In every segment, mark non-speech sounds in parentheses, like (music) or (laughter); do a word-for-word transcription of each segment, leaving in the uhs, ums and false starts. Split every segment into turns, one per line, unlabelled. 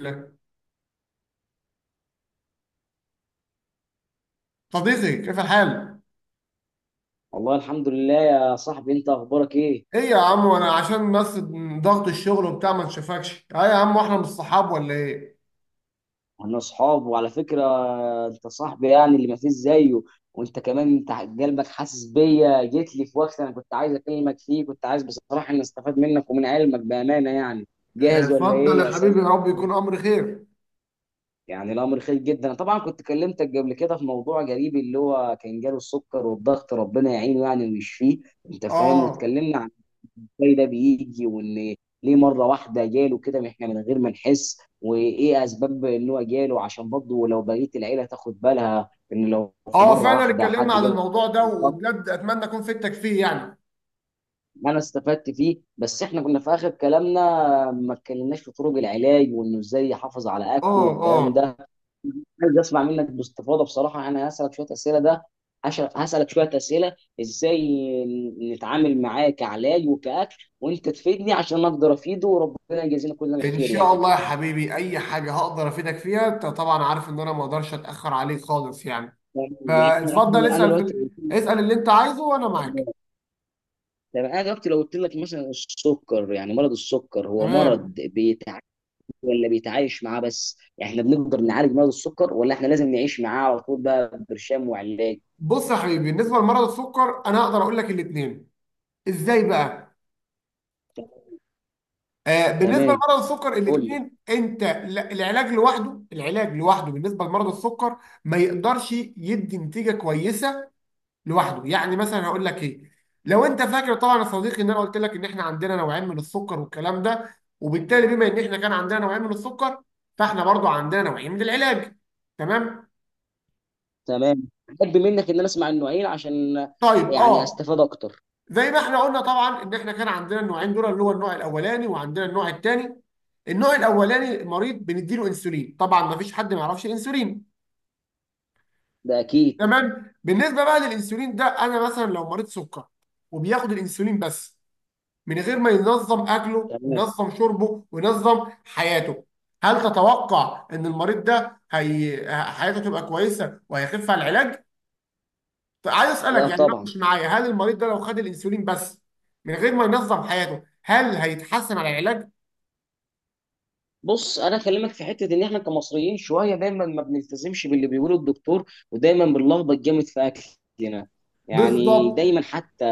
لك صديقي، كيف الحال؟
والله الحمد لله يا صاحبي، انت اخبارك ايه؟
ايه يا عم، وانا عشان بس ضغط الشغل وبتاع ما نشوفكش. اه يا عم، واحنا مش صحاب ولا ايه؟
احنا اصحاب، وعلى فكره انت صاحبي يعني اللي ما فيش زيه. وانت كمان، انت قلبك حاسس بيا، جيت لي في وقت انا كنت عايز اكلمك فيه، كنت عايز بصراحه ان استفاد منك ومن علمك بامانه يعني.
آه،
جاهز ولا
اتفضل
ايه؟ يا
يا
سلام.
حبيبي، يا رب يكون امر خير.
يعني الامر خير جدا، انا طبعا كنت كلمتك قبل كده في موضوع جريب اللي هو كان جاله السكر والضغط، ربنا يعينه يعني ويشفيه. انت فاهم،
اه
واتكلمنا ازاي ده بيجي، وان ليه مره واحده جاله كده من- احنا من غير ما نحس. وايه اسباب ان هو جاله؟ عشان برضه لو بقيه العيله تاخد بالها، ان لو في
اه
مره
فعلا
واحده
اتكلمنا
حد
عن
جاله.
الموضوع ده،
بالضبط،
وبجد اتمنى اكون فدتك فيه يعني.
انا استفدت فيه، بس احنا كنا في اخر كلامنا ما اتكلمناش في طرق العلاج، وانه ازاي يحافظ على اكله
اه اه
والكلام ده. عايز اسمع منك باستفاضه، بصراحه انا هسالك شويه اسئله ده. هش- هسالك شويه اسئله ازاي نتعامل معاه كعلاج وكاكل، وانت تفيدني عشان اقدر افيده، وربنا يجازينا كلنا
ان
الخير
شاء
يعني.
الله يا حبيبي، اي حاجه هقدر افيدك فيها. انت طبعا عارف ان انا ما اقدرش اتاخر عليك خالص يعني.
يعني يعني
فاتفضل
انا أنا
اسال في
دلوقتي،
ال- اسال اللي انت عايزه وانا معاك.
طب انا دلوقتي لو قلت لك مثلا السكر، يعني مرض السكر هو مرض
تمام،
بيتعالج ولا بيتعايش معاه؟ بس يعني احنا بنقدر نعالج مرض السكر، ولا احنا لازم نعيش معاه على طول بقى برشام وعلاج؟
بص يا حبيبي، بالنسبه لمرض السكر انا هقدر اقول لك الاثنين. ازاي بقى؟ آه، بالنسبه
تمام،
لمرض السكر
قول لي.
الاثنين. انت لا- العلاج لوحده، العلاج لوحده بالنسبه لمرض السكر ما يقدرش يدي نتيجه كويسه لوحده. يعني مثلا هقول لك ايه، لو انت فاكر طبعا يا صديقي ان انا قلت لك ان احنا عندنا نوعين من السكر والكلام ده، وبالتالي بما ان احنا كان عندنا نوعين من السكر، فاحنا برضو عندنا نوعين من العلاج. تمام،
تمام، احب منك ان انا اسمع النوعين عشان
طيب
يعني
اه.
استفاد اكتر.
زي ما احنا قلنا طبعا ان احنا كان عندنا النوعين دول، اللي هو النوع الاولاني وعندنا النوع الثاني. النوع الاولاني مريض بنديله انسولين، طبعا ما فيش حد ما يعرفش الانسولين.
ده اكيد.
تمام، بالنسبه بقى للانسولين ده، انا مثلا لو مريض سكر وبياخد الانسولين بس، من غير ما ينظم اكله
تمام.
وينظم شربه وينظم حياته، هل تتوقع ان المريض ده هي... حياته تبقى كويسه وهيخف على العلاج؟ عايز اسالك
لا
يعني،
طبعا.
ناقش معايا، هل المريض ده لو خد الانسولين بس من غير ما ينظم حياته هل هيتحسن على العلاج؟
بص، انا اكلمك في حته ان احنا كمصريين شويه دايما ما بنلتزمش باللي بيقوله الدكتور، ودايما بنلخبط جامد في اكلنا. يعني
بالظبط.
دايما، حتى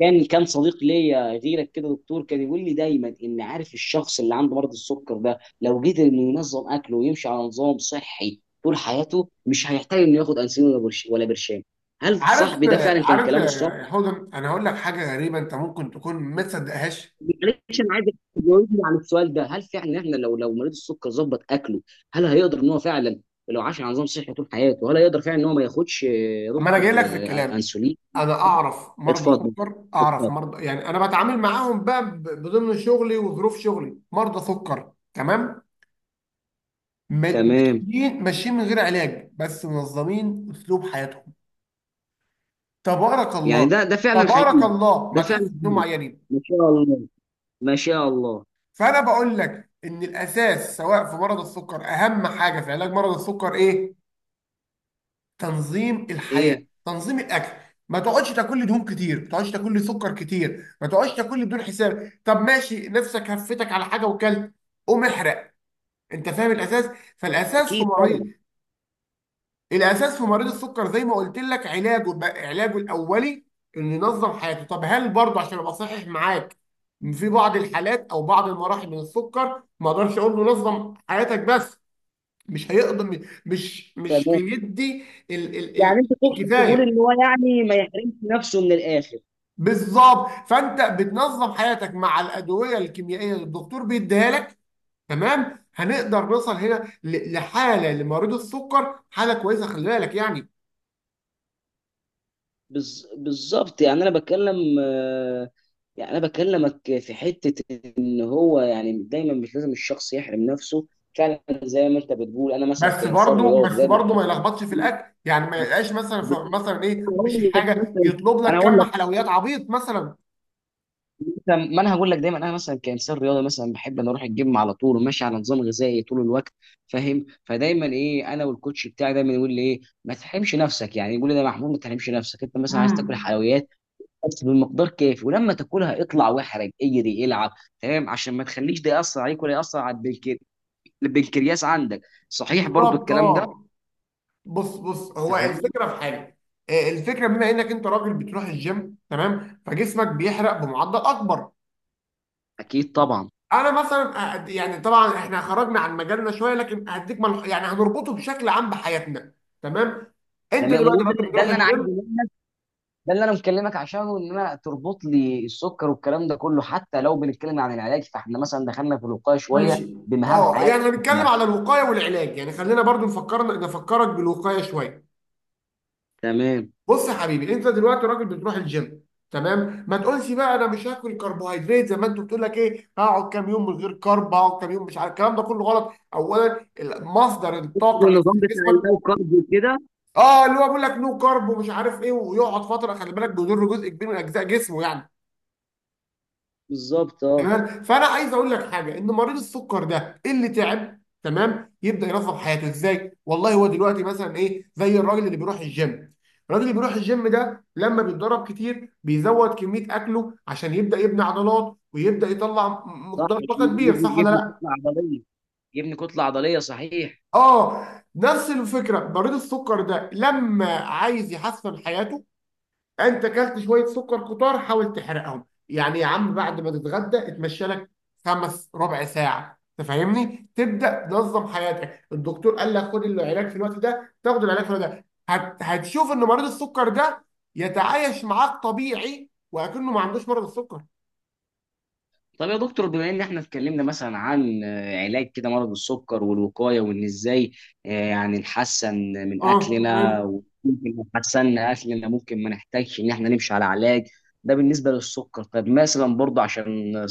كان كان صديق ليا غيرك كده دكتور كان يقول لي دايما: ان عارف الشخص اللي عنده مرض السكر ده لو قدر انه ينظم اكله ويمشي على نظام صحي طول حياته مش هيحتاج انه ياخد انسولين ولا برش- ولا برشام. هل
عارف،
صاحبي ده فعلا كان
عارف
كلامه صح؟
يا حودم، انا هقول لك حاجه غريبه انت ممكن تكون ما تصدقهاش.
معلش، انا عايزك تجاوبني على السؤال ده، هل فعلا احنا لو لو مريض السكر ظبط اكله، هل هيقدر ان هو فعلا، لو عاش على نظام صحي طول حياته، هل هيقدر فعلا ان هو ما ياخدش، آه، يا
اما انا جاي
دكتور،
لك في
آه،
الكلام،
انسولين؟
انا اعرف مرضى
اتفضل،
سكر، اعرف
اتفضل.
مرضى، يعني انا بتعامل معاهم بقى ب- بضمن شغلي وظروف شغلي مرضى سكر. تمام، م-
تمام.
ماشيين ماشيين من غير علاج، بس منظمين اسلوب حياتهم. تبارك
يعني
الله،
ده ده فعلا
تبارك
حقيقي؟
الله، ما
ده
تحسش
فعلا
انهم
حقيقي.
عيانين.
ما شاء الله، ما شاء الله.
فانا بقول لك ان الاساس سواء في مرض السكر، اهم حاجه في علاج مرض السكر ايه؟ تنظيم الحياه،
ايه.
تنظيم الاكل. ما تقعدش تاكل لي دهون كتير، ما تقعدش تاكل لي سكر كتير، ما تقعدش تاكل لي بدون حساب. طب ماشي، نفسك هفتك على حاجه وكلت، قوم احرق. انت فاهم الاساس؟ فالاساس في
اكيد طبعا.
مريض الاساس في مريض السكر، زي ما قلت لك، علاجه بقى- علاجه الاولي انه ينظم حياته. طب هل برضه، عشان ابقى صحيح معاك، في بعض الحالات او بعض المراحل من السكر ما اقدرش اقول له نظم حياتك بس، مش هيقدر، مش مش
تمام،
هيدي ال ال ال
يعني انت تقصد تقول ان
الكفايه.
هو يعني ما يحرمش نفسه من الاخر.
بالظبط، فانت بتنظم حياتك مع الادويه الكيميائيه اللي الدكتور بيديها لك. تمام، هنقدر نوصل هنا ل- لحاله لمريض السكر حاله كويسه، خلي بالك يعني.
بز... بالظبط. يعني انا بتكلم، آه، يعني انا بكلمك في حته ان هو يعني دايما مش لازم الشخص يحرم نفسه، فعلا زي ما انت بتقول. انا مثلا
بس
كانسان
برضه،
رياضي
بس
دايما ح-
برضه ما يلخبطش في الاكل، يعني ما يلقاش
بس
مثلا ف- مثلا
(laughs)
ايه،
أنا
مش
هقول لك
حاجه
مثلا،
يطلب لك
انا اقول
كم
لك
حلويات عبيط مثلا.
مثلا، ما انا هقول لك دايما، انا مثلا كانسان رياضي مثلا بحب ان اروح الجيم على طول وماشي على نظام غذائي طول الوقت، فاهم. فدايما ايه، انا والكوتش بتاعي دايما يقول لي ايه: ما تحرمش نفسك. يعني يقول لي: ده يا محمود ما تحرمش نفسك، انت مثلا عايز
امم،
تاكل حلويات بس بالمقدار كافي، ولما تاكلها اطلع واحرج اجري العب. تمام، عشان ما تخليش ده ياثر عليك ولا ياثر على البنكر... البنكرياس عندك. صحيح برضو
بالظبط
الكلام ده؟
اه. بص بص
انت
هو
فاهم.
الفكره في حاجه، آه، الفكره بما انك انت راجل بتروح الجيم، تمام، فجسمك بيحرق بمعدل اكبر.
اكيد طبعا.
انا مثلا، أ- يعني طبعا احنا خرجنا عن مجالنا شويه، لكن هديك مل... يعني هنربطه بشكل عام بحياتنا. تمام، انت
تمام، هو
دلوقتي
ده
راجل
ده
بتروح
اللي انا عايزه،
الجيم.
ده اللي انا مكلمك عشانه، ان انا تربط لي السكر والكلام ده كله، حتى لو بنتكلم عن العلاج فاحنا مثلا دخلنا في الوقايه شويه
ماشي،
بمهام
اه
حياتنا.
يعني هنتكلم
إحنا.
على الوقايه والعلاج، يعني خلينا برضو نفكر، نفكرك بالوقايه شويه.
تمام.
بص يا حبيبي، انت دلوقتي راجل بتروح الجيم، تمام. ما تقولش بقى انا مش هاكل كربوهيدرات زي ما انت بتقول لك ايه، هقعد كام يوم من غير كرب، هقعد كام يوم مش عارف، الكلام ده كله غلط. اولا ال- مصدر الطاقه الاساسي
النظام
في
بتاع
جسمك،
اللو كارب وكده.
اه، اللي هو بيقول لك نو كرب ومش عارف ايه، ويقعد فتره، خلي بالك بيضر جزء كبير من اجزاء جسمه يعني.
بالظبط اه.
تمام، فانا عايز اقول لك حاجه، ان مريض السكر ده اللي تعب، تمام، يبدا ينظم حياته ازاي. والله هو دلوقتي مثلا ايه، زي الراجل اللي بيروح الجيم. الراجل اللي بيروح الجيم ده لما بيتدرب كتير بيزود كميه اكله عشان يبدا يبني عضلات، ويبدا يطلع م-
صح،
مقدار طاقه كبير، صح
يبني
ولا
يبني
لا؟
كتله عضليه. يبني كتله عضليه، صحيح.
اه، نفس الفكره. مريض السكر ده لما عايز يحسن حياته، انت اكلت شويه سكر كتار، حاول تحرقهم يعني يا عم. بعد ما تتغدى اتمشى لك خمس ربع ساعه، انت فاهمني، تبدا تنظم حياتك. الدكتور قال لك خد العلاج في الوقت ده، تاخد العلاج في الوقت ده، هت... هتشوف ان مريض السكر ده يتعايش معاك طبيعي وكأنه ما عندوش مرض السكر.
طب يا دكتور، بما ان احنا اتكلمنا مثلا عن، آه، علاج كده مرض السكر والوقايه، وان ازاي، آه، يعني نحسن من
اه
اكلنا،
فاهم.
وممكن لو حسنا اكلنا ممكن ما نحتاجش ان احنا نمشي على علاج. ده بالنسبه للسكر. طب مثلا برضه عشان، آه،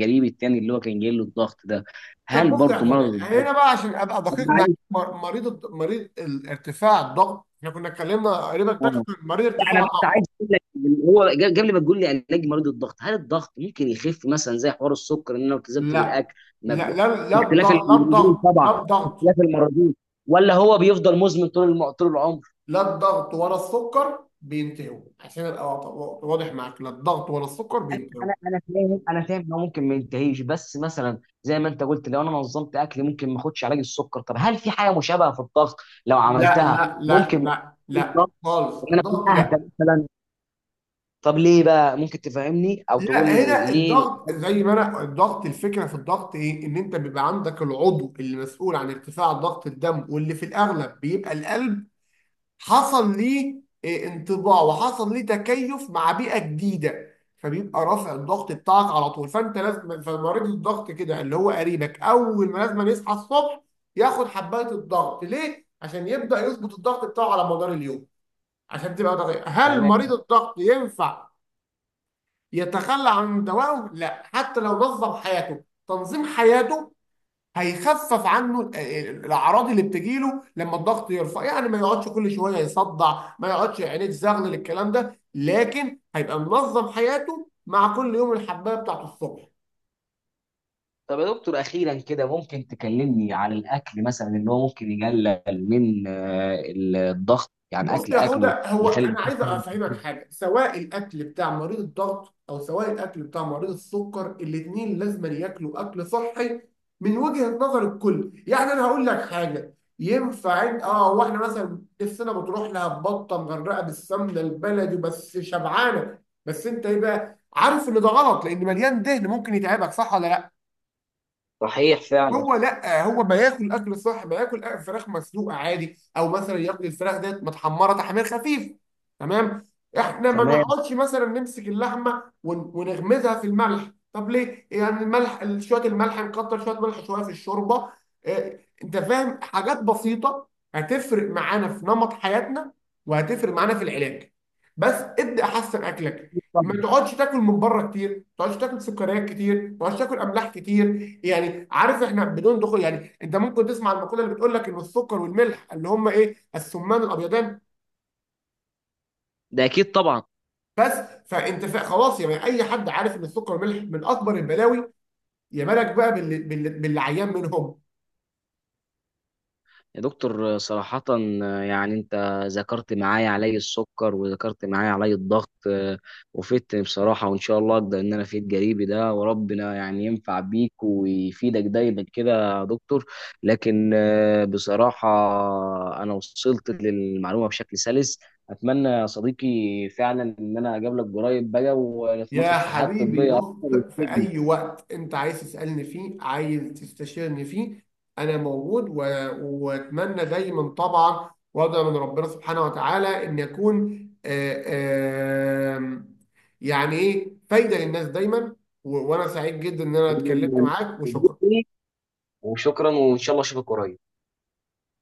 قريبي التاني اللي هو كان جاي له الضغط ده،
طب
هل
بص يا
برضه
هدى،
مرض الضغط؟
هنا بقى عشان ابقى
طب
دقيق معاك،
معلش.
مر- مريض الض- مريض ال- ارتفاع الضغط، احنا كنا اتكلمنا قريبا، ده كان
اه.
مريض
لا،
ارتفاع
انا بس
الضغط.
عايز اقول لك إن هو، قبل قبل ما تقول لي علاج مريض الضغط، هل الضغط ممكن يخف مثلا زي حوار السكر، ان انا لو التزمت
لا.
بالاكل ما
لا
بج-
لا لا الضغط،
باختلاف
لا
المرضين
الضغط،
طبعا،
لا الضغط،
باختلاف المرضين، ولا هو بيفضل مزمن طول الم... طول العمر؟
لا الضغط ولا السكر بينتهوا. عشان ابقى وا- واضح معاك، لا الضغط ولا السكر
انا
بينتهوا.
انا انا فاهم، انا فاهم انه ممكن ما ينتهيش، بس مثلا زي ما انت قلت لو انا نظمت اكلي ممكن ما اخدش علاج السكر، طب هل في حاجه مشابهه في الضغط؟ لو
لا
عملتها
لا لا
ممكن ما
لا
يكونش
لا
الضغط،
خالص،
ان انا اكون
الضغط
اهدى
لا.
مثلا؟ طب ليه بقى، ممكن تفهمني او
لا،
تقول لي
هنا
ليه؟
الضغط زي ما انا، الضغط، الفكره في الضغط ايه، ان انت بيبقى عندك العضو اللي مسؤول عن ارتفاع ضغط الدم، واللي في الاغلب بيبقى القلب، حصل ليه آه، انطباع، وحصل ليه تكيف مع بيئة جديدة، فبيبقى رافع الضغط بتاعك على طول. فانت لازم، فمريض الضغط كده اللي هو قريبك، اول ما لازم يصحى الصبح ياخد حباية الضغط، ليه؟ عشان يبدأ يظبط الضغط بتاعه على مدار اليوم. عشان تبقى دقيقة، هل
تمام.
مريض الضغط ينفع يتخلى عن دوائه؟ لا، حتى لو نظم حياته، تنظيم حياته هيخفف عنه ال- ال- الاعراض اللي بتجيله لما الضغط يرفع، يعني ما يقعدش كل شويه يصدع، ما يقعدش عينيه تزغلل، الكلام ده، لكن هيبقى منظم حياته مع كل يوم الحبايه بتاعته الصبح.
طب يا دكتور، اخيرا كده ممكن تكلمني عن الاكل مثلا، ان هو ممكن يقلل من، آه، الضغط؟ يعني
بص
اكل
يا
اكله
حوده، هو
يخلي.
انا عايز افهمك حاجه، سواء الاكل بتاع مريض الضغط او سواء الاكل بتاع مريض السكر، الاثنين لازم ياكلوا اكل صحي من وجهه نظر الكل. يعني انا هقول لك حاجه، ينفع إن- اه، واحنا مثلا نفسنا بتروح لها بطه مغرقه بالسمنه البلدي بس شبعانه؟ بس انت ايه بقى، عارف ان ده غلط لان مليان دهن، ممكن يتعبك، صح ولا لا؟
صحيح فعلا.
هو لا، هو ما ياكل اكل صح، ما ياكل أكل فراخ مسلوقه عادي، او مثلا ياكل الفراخ ديت متحمره تحمير خفيف. تمام، احنا ما
تمام.
نقعدش مثلا نمسك اللحمه ون- ونغمزها في الملح، طب ليه يعني؟ الملح شويه، الملح نكتر شويه ملح شويه في الشوربه. اه، انت فاهم، حاجات بسيطه هتفرق معانا في نمط حياتنا وهتفرق معانا في العلاج. بس ابدا احسن اكلك، ما
طبعا.
تقعدش تاكل من بره كتير، ما تقعدش تاكل سكريات كتير، ما تقعدش تاكل املاح كتير. يعني عارف، احنا بدون دخول يعني، انت ممكن تسمع المقوله اللي بتقول لك ان السكر والملح اللي هم ايه؟ السمان الابيضان
ده اكيد طبعا.
بس. فانت فا- خلاص يعني، اي حد عارف ان السكر والملح من اكبر البلاوي، يا بالك بقى باللي, باللي, باللي عيان منهم.
يا دكتور، صراحة يعني أنت ذكرت معايا علي السكر وذكرت معايا علي الضغط، آه، وفدتني بصراحة، وإن شاء الله أقدر إن أنا أفيد قريبي ده، وربنا يعني ينفع بيك ويفيدك دايما كده يا دكتور. لكن آه، بصراحة أنا وصلت للمعلومة بشكل سلس. أتمنى يا صديقي فعلا إن أنا أقابلك قريب بقى،
يا
ونتناقش في حياة
حبيبي
طبية أكتر
بص، في
وتفيدني.
أي وقت أنت عايز تسألني فيه، عايز تستشيرني فيه، أنا موجود. و... وأتمنى دايما طبعا، وأدعو من ربنا سبحانه وتعالى إن أكون، آه، آه، يعني إيه، فايدة للناس دايما. و... وأنا سعيد جدا إن أنا اتكلمت معاك، وشكرا.
وشكرا، وإن شاء الله أشوفك قريب.